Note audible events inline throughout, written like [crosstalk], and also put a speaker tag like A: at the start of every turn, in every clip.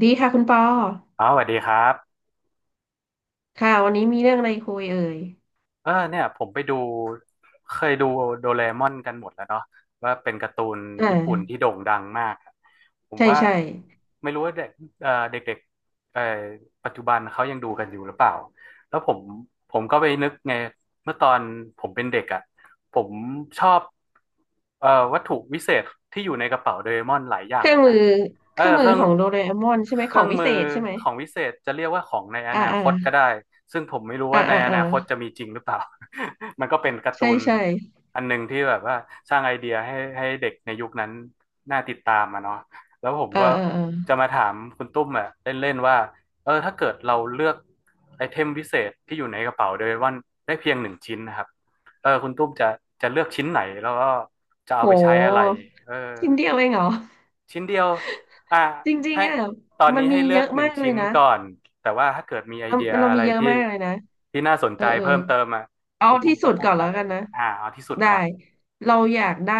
A: ดีค่ะคุณปอ
B: อ๋อสวัสดีครับ
A: ค่ะวันนี้มีเรื่องอะไรคุยเอ่ย
B: เออเนี่ยผมไปดูเคยดูโดเรมอนกันหมดแล้วเนาะว่าเป็นการ์ตูน
A: อ่า
B: ญี่ปุ่นที่โด่งดังมากอะผม
A: ใช่
B: ว่า
A: ใช่
B: ไม่รู้ว่าเด็กๆปัจจุบันเขายังดูกันอยู่หรือเปล่าแล้วผมก็ไปนึกไงเมื่อตอนผมเป็นเด็กอ่ะผมชอบเอ่อวัตถุวิเศษที่อยู่ในกระเป๋าโดเรมอนหลายอย่า
A: เค
B: ง
A: รื่
B: เล
A: อง
B: ย
A: มื
B: นะ
A: อเค
B: เออ
A: รื่องมื
B: เค
A: อ
B: รื่อง
A: ของโดเรมอนใช่ไหม
B: เค
A: ขอ
B: รื่
A: ง
B: อง
A: วิ
B: มื
A: เศ
B: อ
A: ษใช่ไหม
B: ของวิเศษจะเรียกว่าของในอ
A: อ่า
B: นา
A: อ่า
B: คตก็ได้ซึ่งผมไม่รู้
A: อ่า
B: ว่าใน
A: อ่า
B: อ
A: อ่า
B: นาคตจะมีจริงหรือเปล่า [laughs] มันก็เป็นการ์
A: ใช่
B: ตูน
A: ใช่
B: อันหนึงที่แบบว่าสร้างไอเดียให้เด็กในยุคนั้นน่าติดตามอะเนาะแล้วผม
A: เออ
B: ก็
A: เออเออ
B: จะมาถามคุณตุ้มอะเล่นๆว่าเออถ้าเกิดเราเลือกไอเทมวิเศษที่อยู่ในกระเป๋าโดยวันได้เพียงหนึ่งชิ้นนะครับเออคุณตุ้มจะเลือกชิ้นไหนแล้วก็จะเอา
A: โ
B: ไปใช้อะไร
A: ห
B: เออ
A: ชิ้นเดียวเองเหรอ
B: ชิ้นเดียวอ่า
A: จริง
B: ให้
A: ๆอ่ะ
B: ตอน
A: มัน
B: นี้
A: มี
B: ให้เลื
A: เย
B: อก
A: อะ
B: หนึ่
A: มา
B: ง
A: กเลย
B: ชิ้น
A: นะ
B: ก่อน แต่ว่าถ้าเกิดมีไอ
A: เรา
B: เดีย
A: เรา
B: อะ
A: มี
B: ไร
A: เยอะ
B: ที่
A: มากเลยนะ
B: ที่น่าสน
A: เอ
B: ใจ
A: อเออ
B: เพิ่มเติมอ่ะ
A: เอา
B: คุณตุ้ม
A: ที่
B: ก็
A: สุด
B: พู
A: ก่
B: ด
A: อน
B: มา
A: แล้ว
B: เลย
A: กันนะ
B: เอาที่สุด
A: ได้
B: ก่อน
A: เราอยากได้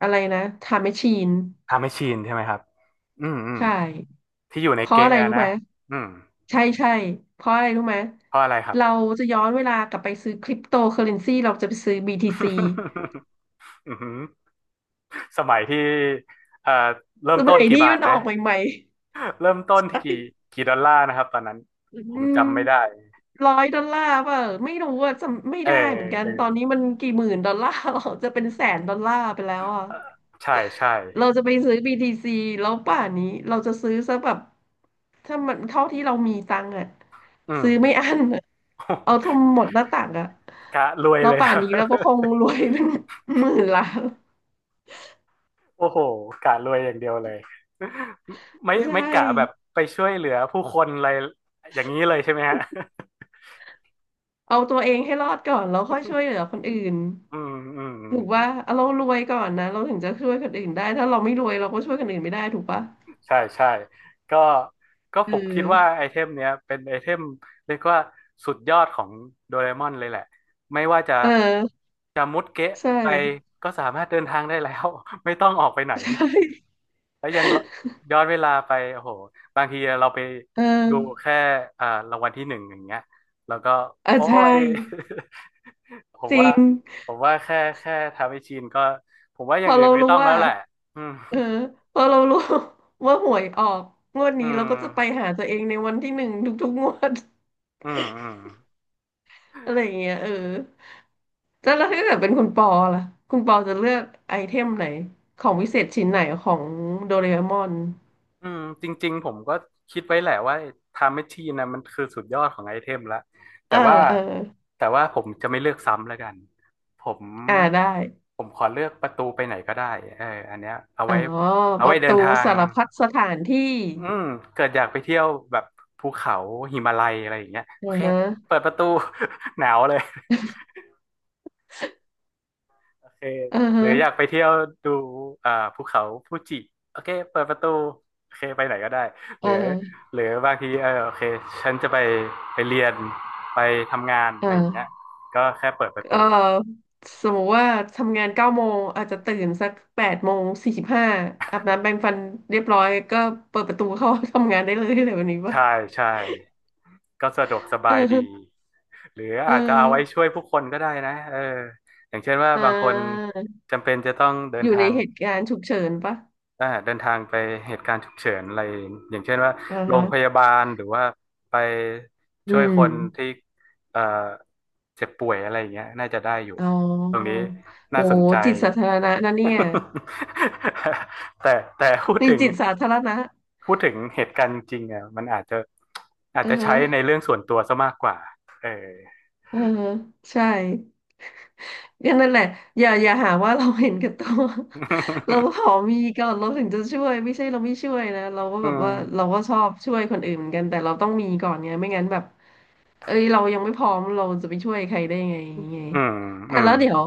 A: อะไรนะไทำแมชชีน
B: ทำให้ชินใช่ไหมครับอืมอืม
A: ใช่
B: ที่อยู่ใน
A: เพราะอะ
B: เกะ
A: ไร
B: อะ
A: รู้
B: นะ
A: ไหม
B: อืม
A: ใช่ใช่เพราะอะไรรู้ไหม
B: เพราะอะไรครับ
A: เราจะย้อนเวลากลับไปซื้อคริปโตเคอเรนซีเราจะไปซื้อ BTC
B: [laughs] อือหือสมัยที่เอ่อเริ่
A: ส
B: มต้
A: มั
B: น
A: ย
B: กี่
A: นี้
B: บา
A: มั
B: ท
A: นอ
B: นะ
A: อกใหม่
B: เริ่มต้
A: ๆ
B: นที่
A: ใช่
B: กี่ดอลลาร์นะครับตอนนั้น
A: อื
B: ผม
A: ม
B: จำไม่ได้
A: ร้อยดอลลาร์เปล่ะไม่รู้ว่าจำไม่
B: เออ
A: ได้เหมือนกัน
B: เออ
A: ตอนนี้มันกี่หมื่นดอลลาร์ [laughs] หรอจะเป็นแสนดอลลาร์ไปแล้วอ่ะ
B: ใช่ใช่
A: เราจะไปซื้อ BTC แล้วป่านนี้เราจะซื้อซะแบบถ้ามันเท่าที่เรามีตังค์อะ
B: อืม
A: ซื้อไม่อั้นอะเอาทั้
B: [laughs]
A: งหมดหน้าตักอะ
B: กะรวย
A: แล้ว
B: เลย
A: ป่า
B: นะ
A: นนี้เราก็คงรวยเป็น [laughs] หมื่นล้าน
B: [laughs] โอ้โหกะรวยอย่างเดียวเลยไม่
A: ใช่
B: ไม่กะแบบไปช่วยเหลือผู้คนอะไรอย่างนี้เลยใช่ไหมฮะ
A: เอาตัวเองให้รอดก่อนแล้วค่อยช่วยเหลือคนอื่น
B: อืม [laughs] อืมอื
A: ถูก
B: ม
A: ว่าเอาเรารวยก่อนนะเราถึงจะช่วยคนอื่นได้ถ้าเราไม่รวยเราก็ช่วยคนอื่นไม่ได้ถูกปะ
B: ใช่ใช่ก็ก็
A: เอ
B: ผมคิดว่าไอ
A: อ
B: เทมเนี้ยเป็นไอเทมเรียกว่าสุดยอดของโดเรมอนเลยแหละไม่ว่าจะ
A: เออ
B: จะมุดเกะ
A: ใช่
B: ไปก็สามารถเดินทางได้แล้ว [laughs] ไม่ต้องออกไปไหน
A: [laughs] ใช่
B: แล้วยังย้อนเวลาไปโอ้โหบางทีเราไป
A: เอ
B: ดู
A: อ
B: แค่อ่ารางวัลที่หนึ่งอย่างเงี้ยแล้วก็
A: เออ
B: โอ้
A: ใช่
B: ย [laughs] ผม
A: จริ
B: ว่า
A: ง
B: ผมว่าแค่ทำให้ชินก็ผมว่าอ
A: พ
B: ย่า
A: อ
B: งอื่
A: เรา
B: นไม่
A: รู้
B: ต้องแล้
A: ว่า
B: วแหละอืม
A: เออพอเรารู้ [laughs] ว่าหวยออกงวด
B: [laughs] อื
A: นี้เราก็
B: ม
A: จะไปหาตัวเองในวันที่หนึ่งทุกๆงวด
B: อืมอืม
A: [laughs] อะไรอย่างเงี้ยเออแล้วถ้าเกิดเป็นคุณปอล่ะคุณปอจะเลือกไอเทมไหนของวิเศษชิ้นไหนของโดเรมอน
B: อืมจริงๆผมก็คิดไว้แหละว่าไทม์แมชชีนนะมันคือสุดยอดของไอเทมละ
A: เอ
B: แต่
A: อ
B: ว่า
A: เออ
B: แต่ว่าผมจะไม่เลือกซ้ำแล้วกันผม
A: อ่าได้
B: ผมขอเลือกประตูไปไหนก็ได้เอออันเนี้ยเอา
A: อ๋อ
B: ไว้เอา
A: ป
B: ไว้
A: ระ
B: เดิ
A: ตู
B: นทาง
A: สารพัดสถานที่
B: อืมเกิดอยากไปเที่ยวแบบภูเขาหิมาลัยอะไรอย่างเงี้ยโอ
A: อือ
B: เค
A: ฮะ
B: เปิดประตู [laughs] หนาวเลย โอเค
A: อือ
B: ห
A: ฮะ
B: รืออยากไปเที่ยวดูอ่าภูเขาฟูจิโอเคเปิดประตูโอเคไปไหนก็ได้ห
A: อื
B: รื
A: อ
B: อ
A: ฮะ
B: หรือบางทีเออโอเคฉันจะไปไปเรียนไปทำงานอะ
A: อ่า
B: ไรอย่างเงี้ยก็แค่เปิดประ
A: เอ่อ
B: ตู
A: สมมติว่าทำงาน9 โมงอาจจะตื่นสัก8 โมง 45อาบน้ำแปรงฟันเรียบร้อยก็เปิดประตูเข้าทำงานได้เลยอะไรแบบนี้ปะ
B: ใช่ใช่ก็สะดวกส
A: เอ
B: บายดี
A: อ
B: หรือ
A: เออ
B: อาจจะเอาไว้ช่วยผู้คนก็ได้นะเอออย่างเช่นว่า
A: อ่
B: บางคน
A: า
B: จำเป็นจะต้องเดิ
A: อ
B: น
A: ยู่ใน
B: ทาง
A: เหตุการณ์ฉุกเฉินปะ
B: อ่าเดินทางไปเหตุการณ์ฉุกเฉินอะไรอย่างเช่นว่า
A: อ่า
B: โร
A: ฮะ
B: งพยาบาลหรือว่าไป
A: อื
B: ช่วย
A: ม
B: คนที่เอ่อเจ็บป่วยอะไรอย่างเงี้ยน่าจะได้อยู่
A: อ๋อ
B: ตรงนี้
A: โอ้
B: น่าสนใจ
A: จิตสาธารณะนะเนี่ย
B: [laughs] แต่แต่พูด
A: [laughs] มี
B: ถึง
A: จิตสาธารณะ
B: พูดถึงเหตุการณ์จริงๆอ่ะมันอาจจะอาจ
A: เอ
B: จะใช้ใน
A: อ
B: เรื่องส่วนตัวซะมากกว่าเออ
A: เออใช่ อย่างนั่นแหละอย่าหาว่าเราเห็นแก่ตัว [laughs] เราขอมีก่อนเราถึงจะช่วยไม่ใช่เราไม่ช่วยนะเรา
B: [laughs]
A: ก็
B: อื
A: แบบ
B: ม
A: ว่าเราก็ชอบช่วยคนอื่นเหมือนกันแต่เราต้องมีก่อนไงไม่งั้นแบบเอ้ยเรายังไม่พร้อมเราจะไปช่วยใครได้ไงไง
B: อืมอื
A: แต่ะ
B: ม
A: แล้วเดี๋ยว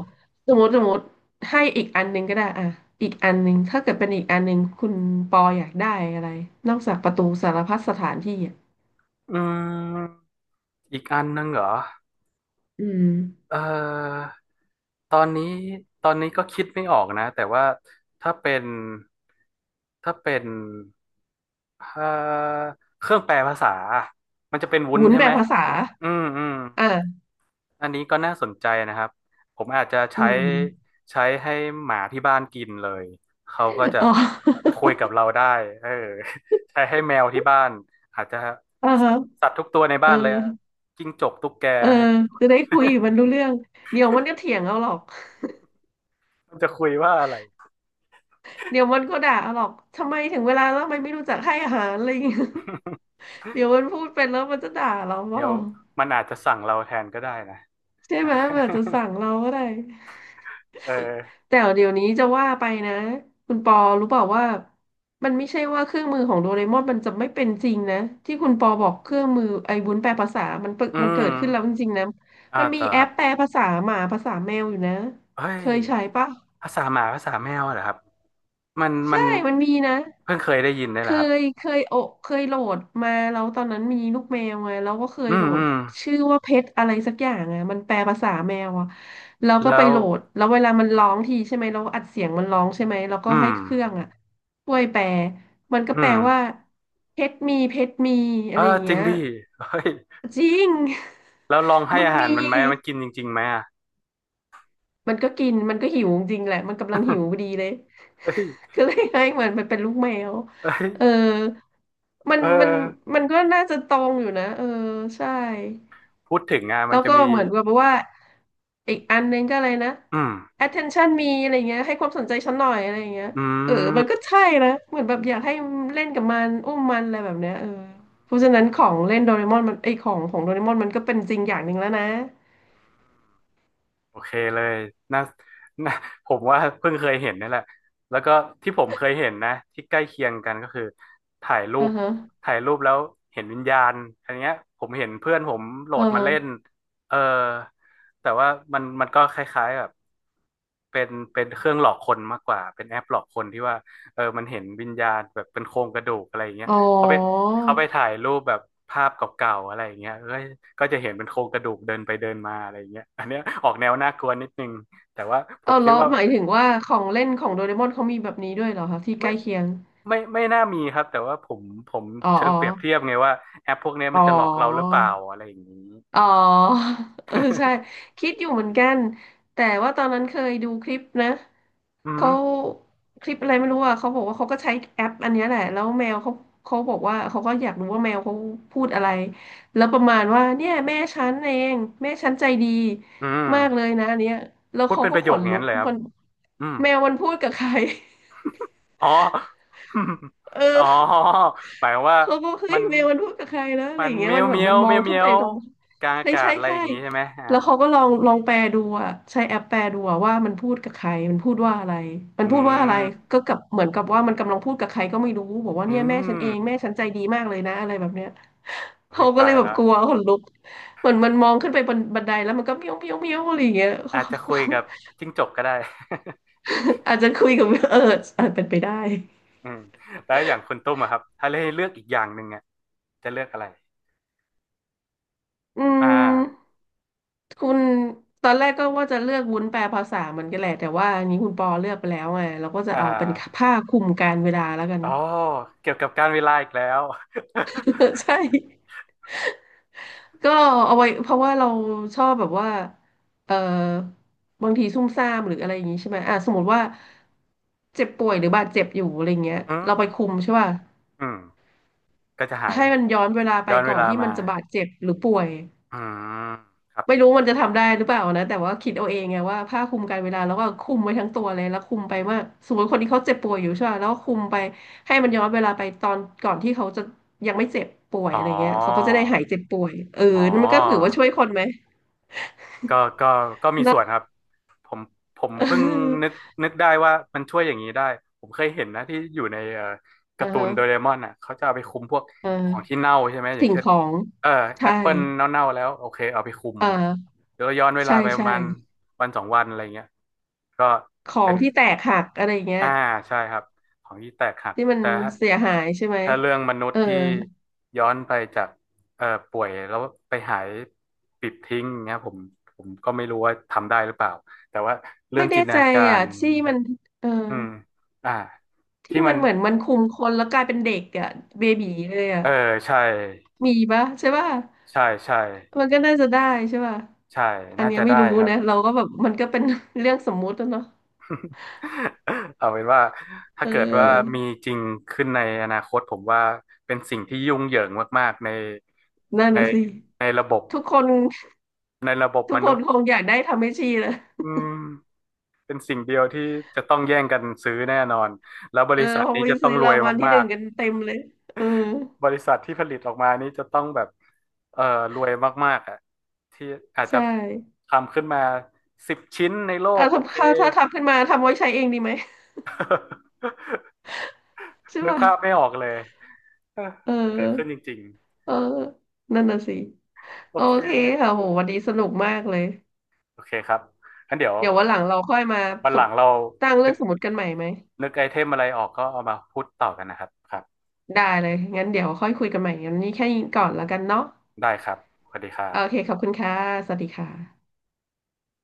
A: สมมติให้อีกอันหนึ่งก็ได้อ่ะอีกอันหนึ่งถ้าเกิดเป็นอีกอันหนึ่งคุณปออยากได้อะไรนอกจากประตูสารพัดสถานที่อ่ะ
B: อืมอีกอันนึงเหรอ
A: อืม
B: เอ่อตอนนี้ ตอนนี้ก็คิดไม่ออกนะแต่ว่าถ้าเป็น ถ้าเป็นเอ่อเครื่องแปลภาษามันจะเป็นวุ้น
A: วุน
B: ใช่
A: แบ
B: ไหม
A: บภาษา
B: อืมอืม
A: อ่ะ
B: อันนี้ก็น่าสนใจนะครับ ผมอาจจะ
A: อื
B: ใช้
A: ม
B: ให้หมาที่บ้านกินเลย เขาก็จะ
A: อ๋อ
B: คุยกับเราได้เออ [laughs] ใช้ให้แมวที่บ้านอาจจะ
A: [laughs] อ่า
B: สั
A: ฮะ
B: ตว์สัตว์ทุกตัวใน
A: เอ
B: บ้า
A: อ
B: นเลยอะจิ้งจกตุ๊กแก
A: เออ
B: ให้กินหมด
A: จะ
B: เล
A: ได้
B: ย
A: คุยกับมันรู้เรื่องเดี๋ยวมันก็เถียงเอาหรอก
B: [laughs] มันจะคุยว่าอะไร
A: เดี๋ยวมันก็ด่าเอาหรอกทำไมถึงเวลาแล้วทำไมไม่รู้จักให้อาหารอะไรอย่างเงี้ย [laughs] เดี๋ยวมันพูดเป็นแล้วมันจะด่าเราเป
B: เดี๋
A: ล่า
B: ยวมันอาจจะสั่งเราแทนก็ได้นะ
A: ใช่ไหมมันอาจจะสั่ง
B: [laughs]
A: เราก็ได้
B: เออ
A: แต่เดี๋ยวนี้จะว่าไปนะคุณปอรู้เปล่าว่ามันไม่ใช่ว่าเครื่องมือของโดเรมอนมันจะไม่เป็นจริงนะที่คุณปอบอกเครื่องมือไอ้วุ้นแปลภาษามันเปิด
B: อื
A: มันเกิ
B: ม
A: ดขึ้นแล้วจริงๆนะ
B: อ่า
A: มันมี
B: ต่อ
A: แอ
B: ครั
A: ป
B: บ
A: แปลภาษาหมาภาษาแมวอยู่นะ
B: เฮ้
A: เค
B: ย
A: ยใช้ปะ
B: ภาษาหมาภาษาแมวเหรอครับมัน
A: ใช่ มันมีนะ
B: เพิ่งเคยได้ยินได้
A: เค
B: เหรอครับ
A: ยเคยโอเคยโหลดมาแล้วตอนนั้นมีลูกแมวไงแล้วก็เคย
B: อื
A: โหล
B: ม
A: ด
B: อืม
A: ชื่อว่าเพชรอะไรสักอย่างอ่ะมันแปลภาษาแมวอ่ะแล้วก็
B: แล้
A: ไป
B: ว
A: โหลดแล้วเวลามันร้องทีใช่ไหมเราอัดเสียงมันร้องใช่ไหมแล้วก็
B: อื
A: ให้
B: ม
A: เครื่องอ่ะช่วยแปลมันก็แป
B: อื
A: ล
B: ม
A: ว่าเพชรมีเพชรมี
B: เอ
A: อะ
B: อ
A: ไรอย่าง
B: จริ
A: เงี้
B: ง
A: ย
B: ดิเฮ้ย
A: จริง
B: แล้วลอง
A: [laughs]
B: ให้
A: มัน
B: อาหา
A: มี
B: รมันไหมมันกินจริงๆไหมอ่ะ
A: มันก็กินมันก็หิวจริงแหละมันกำลังหิวพอดีเลย
B: เฮ้ย
A: [laughs] ก็เลยให้มันมันเป็นลูกแมว
B: เฮ้ย
A: เออมั
B: เอ
A: น
B: อ
A: มันมันก็น่าจะตรงอยู่นะเออใช่
B: พูดถึงอ่ะมั
A: แล้
B: น
A: ว
B: จะ
A: ก็
B: มี
A: เหมือนกับว่าอีกอันนึงก็อะไรนะ
B: อืม
A: attention มีอะไรเงี้ยให้ความสนใจฉันหน่อยอะไรเงี้ย
B: อื
A: เออมัน
B: ม
A: ก็ใช่นะเหมือนแบบอยากให้เล่นกับมันอุ้มมันอะไรแบบเนี้ยเออเพราะฉะนั้นของเล่นโดเรมอนมันไอยของของโดเรมอนมันก็เป็นจริงอย่างหนึ่งแล้วนะ
B: โอเคเลยน่าน่าผมว่าเพิ่งเคยเห็นนี่แหละแล้วก็ที่ผมเคยเห็นนะที่ใกล้เคียงกันก็คือถ่ายรู
A: อือ
B: ป
A: ฮะ
B: แล้วเห็นวิญญาณอันเนี้ยผมเห็นเพื่อนผมโหลดมาเล่น
A: เออ
B: เออแต่ว่ามันก็คล้ายๆแบบเป็นเครื่องหลอกคนมากกว่าเป็นแอปหลอกคนที่ว่าเออมันเห็นวิญญาณแบบเป็นโครงกระดูกอะไรอย่างเงี้ย
A: อ๋อ
B: เขาไปเขาไปถ่ายรูปแบบภาพเก่าๆอะไรอย่างเงี้ยเอ้ยก็จะเห็นเป็นโครงกระดูกเดินไปเดินมาอะไรอย่างเงี้ยอันเนี้ยออกแนวน่ากลัวนิดนึงแต่ว่าผม
A: เอา
B: คิด
A: แล้ว
B: ว่า
A: หมายถึงว่าของเล่นของโดเรมอนเขามีแบบนี้ด้วยเหรอคะที่ใก
B: ไม่
A: ล้เคียง
B: ไม่น่ามีครับแต่ว่าผม
A: อ๋อ
B: เชิ
A: อ๋
B: ง
A: อ
B: เปรียบเทียบไงว่าแอปพวกเนี้ย
A: อ๋
B: มั
A: อ
B: นจะหลอกเราหรือเปล่าอะไรอย่างนี้
A: อ๋อ [laughs] เออใช่คิดอยู่เหมือนกันแต่ว่าตอนนั้นเคยดูคลิปนะ
B: อืม
A: เขาคลิปอะไรไม่รู้อ่ะเขาบอกว่าเขาก็ใช้แอปอันเนี้ยแหละแล้วแมวเขาเขาบอกว่าเขาก็อยากรู้ว่าแมวเขาพูดอะไรแล้วประมาณว่าเนี่ยแม่ฉันเองแม่ฉันใจดี
B: อื
A: มากเล
B: ม
A: ยนะอันเนี้ยแล้ว
B: พูด
A: เขา
B: เป็น
A: ก็
B: ประ
A: ข
B: โยค
A: น
B: อย่าง
A: ลุ
B: นั้
A: ก
B: นเลยครับ
A: มัน
B: อืม
A: แมวมันพูดกับใคร
B: อ๋อ
A: [laughs]
B: [laughs] อ๋อ
A: เออ
B: หมายวว่า
A: เขาก็เฮ้
B: มั
A: ย
B: น
A: เมลมันพูดกับใครแล้วอะไร
B: มั
A: อ
B: น
A: ย่างเงี้ย
B: เมีย
A: มั
B: ว
A: นแบบ
B: เมีย
A: มัน
B: ว
A: มอ
B: เมี
A: ง
B: ยว
A: ขึ้
B: เมี
A: น
B: ย
A: ไป
B: ว
A: ตรง
B: กลางอา
A: ใช่
B: กา
A: ใช่
B: ศอะไรอ
A: ใช่
B: ย่างนี้ใช่ไหม
A: แล้วเขาก็ลองแปลดูอะใช้แอปแปลดูอะว่ามันพูดกับใครมันพูดว่าอะไรมัน
B: อื
A: พูดว่าอะไร
B: ม
A: ก็กับเหมือนกับว่ามันกำลังพูดกับใครก็ไม่รู้บอกว่า
B: อื
A: เนี่ยแม่ฉันเอ
B: ม
A: งแม่ฉันใจดีมากเลยนะอะไรแบบเนี้ย
B: โอ้
A: เขา
B: ย
A: ก็เล
B: ตาย
A: ยแบบ
B: แล้ว
A: กลัวขนลุกเหมือนมันมองขึ้นไปบนบันไดแล้วมันก็เมี้ยวเมี้ยวเมี้ยวอะไรอย่างเงี้ย
B: อาจจะคุยกับ
A: [laughs]
B: จิ้งจกก็ได้
A: อาจจะคุยกับเอออาจเป็นไปได้
B: [laughs] อืมแล้วอย่างคุณตุ้มอะครับถ้าให้เลือกอีกอย่างหนึ่งอะจะเลือกอะไร
A: อื
B: อ่า
A: ม คุณตอนแรกก็ว่าจะเลือกวุ้นแปลภาษาเหมือนกันแหละแต่ว่าอันนี้คุณปอเลือกไปแล้วไงเราก็จะ
B: อ่
A: เอาเป็น
B: า
A: ผ้าคลุมการเวลาแล้วกัน
B: อ๋อเกี่ยวกับการเวลาอีกแล้ว
A: [laughs] ใช่ก็เอาไว้เพราะว่าเราชอบแบบว่าเออบางทีซุ่มซ่ามหรืออะไรอย่างนี้ใช่ไหมอ่ะสมมติว่าเจ็บป่วยหรือบาดเจ็บอยู่อะไรเงี้ย
B: [laughs] อืม
A: เราไปคุมใช่ป่ะ
B: อืมก็จะหาย
A: ให้มันย้อนเวลาไป
B: ย้อนเว
A: ก่อน
B: ลา
A: ที่มั
B: มา
A: นจะบาดเจ็บหรือป่วย
B: อืมครับ
A: ไม่รู้มันจะทำได้หรือเปล่านะแต่ว่าคิดเอาเองไงว่าผ้าคลุมกันเวลาแล้วก็คลุมไว้ทั้งตัวเลยแล้วคลุมไปว่าสมมติคนที่เขาเจ็บป่วยอยู่ใช่ป่ะแล้วก็คลุมไปให้มันย้อนเวลาไปตอนก่อนที่เขาจะยังไม่เจ็บป่วย
B: อ๋อ
A: อะไรเงี้ยเขาก็จะได้หายเจ็บป่วยเออ
B: อ๋อ
A: นั่นมันก็ถือว่าช่วยคนไหม
B: ก็ก็ก็มี
A: [laughs] นะ
B: ส่วนครับ ผมผม
A: เอ
B: เพิ่งนึก
A: อ
B: นึกได้ว่ามันช่วยอย่างนี้ได้ ผมเคยเห็นนะที่อยู่ในกา
A: อ่า
B: ร์ตู
A: ฮะ
B: นโดเรมอนอ่ะเขาจะเอาไปคุมพวก
A: อ
B: ของที่
A: ่า
B: เน่าใช่ไหม อย่าง
A: สิ่ง
B: เช่น
A: ของ
B: เออแอ
A: ใช่
B: ปเปิลเน่าๆแล้วโอเคเอาไปคุม
A: อ่า
B: เดี๋ยวย้อนเวลา
A: ใช่
B: ไปประ
A: ใช่
B: มาณวันสองวันอะไรเงี้ยก็
A: ขอ
B: เป็
A: ง
B: น
A: ที่แตกหักอะไรเงี้ย
B: อ่าใช่ครับของที่แตกหัก
A: ที่มัน
B: แต่ถ้า
A: เสียหายใช่ไหม
B: ถ้าเรื่องมนุษ
A: เออ
B: ย์ที่ย้อนไปจากป่วยแล้วไปหายปิดทิ้งเงี้ยผมก็ไม่รู้ว่าทำได้หรือเปล่าแต่ว่าเรื่อ
A: ไม่
B: งจิ
A: แน่
B: นต
A: ใจ
B: นาการ
A: อ่ะที่มันเออ
B: อืมอ่า
A: ที่
B: ที่มั
A: มัน
B: น
A: เหมือนมันคุมคนแล้วกลายเป็นเด็กอ่ะเบบีเลยอ่ะ
B: เออใช่
A: มีปะใช่ปะ
B: ใช่ใช่
A: มันก็น่าจะได้ใช่ปะ
B: ใช่
A: อัน
B: น่า
A: เนี้ย
B: จะ
A: ไม่
B: ได้
A: รู้
B: ครับ
A: นะเราก็แบบมันก็เป็น [laughs] เรื่องสมมุติแะเนาะ
B: [laughs] เอาเป็นว่าถ้า
A: เอ
B: เกิดว่ามี
A: อ
B: จริงขึ้นในอนาคตผมว่าเป็นสิ่งที่ยุ่งเหยิงมากๆใน
A: นั่น
B: ใน
A: น่ะสิ
B: ในระบบ
A: ทุกคน
B: ในระบบ
A: ทุ
B: ม
A: กค
B: นุษ
A: น
B: ย์
A: คงอยากได้ทำให้ชีเลย
B: อืมเป็นสิ่งเดียวที่จะต้องแย่งกันซื้อแน่นอนแล้วบ
A: เออ
B: ริษัท
A: คง
B: นี้
A: ไป
B: จะต้
A: ซื้
B: อง
A: อ
B: รว
A: รา
B: ย
A: งวัลที่
B: มา
A: หนึ่ง
B: ก
A: กันเต็มเลยเออ
B: ๆบริษัทที่ผลิตออกมานี้จะต้องแบบเอ่อรวยมากๆอ่ะที่อาจจะ
A: ใช่
B: ทำขึ้นมา10 ชิ้นในโล
A: อ่ะ
B: กโอเค
A: ถ้าทำขึ้นมาทำไว้ใช้เองดีไหม
B: [laughs]
A: [laughs] ใช่
B: นึก
A: ป่ะ
B: ภาพไม่ออกเลยเออ
A: เอ
B: ถ้าเกิดขึ้นจ
A: อ
B: ริง
A: เออนั่นน่ะสิ
B: ๆโอ
A: โอ
B: เค
A: เคค่ะโหวันนี้สนุกมากเลย
B: โอเคครับงั้นเดี๋ยว
A: เดี๋ยววันหลังเราค่อยมา
B: วัน
A: ส
B: หลั
A: ม
B: งเรา
A: ตั้งเรื่
B: นึ
A: อ
B: ก
A: งสมมติกันใหม่ไหม
B: นึกไอเทมอะไรออกก็เอามาพูดต่อกันนะครับครับ
A: ได้เลยงั้นเดี๋ยวค่อยคุยกันใหม่งั้นนี้แค่นี้ก่อนแล้วกันเนาะ
B: ได้ครับสวัสดีครั
A: โอเค
B: บ
A: ขอบคุณค่ะสวัสดีค่ะ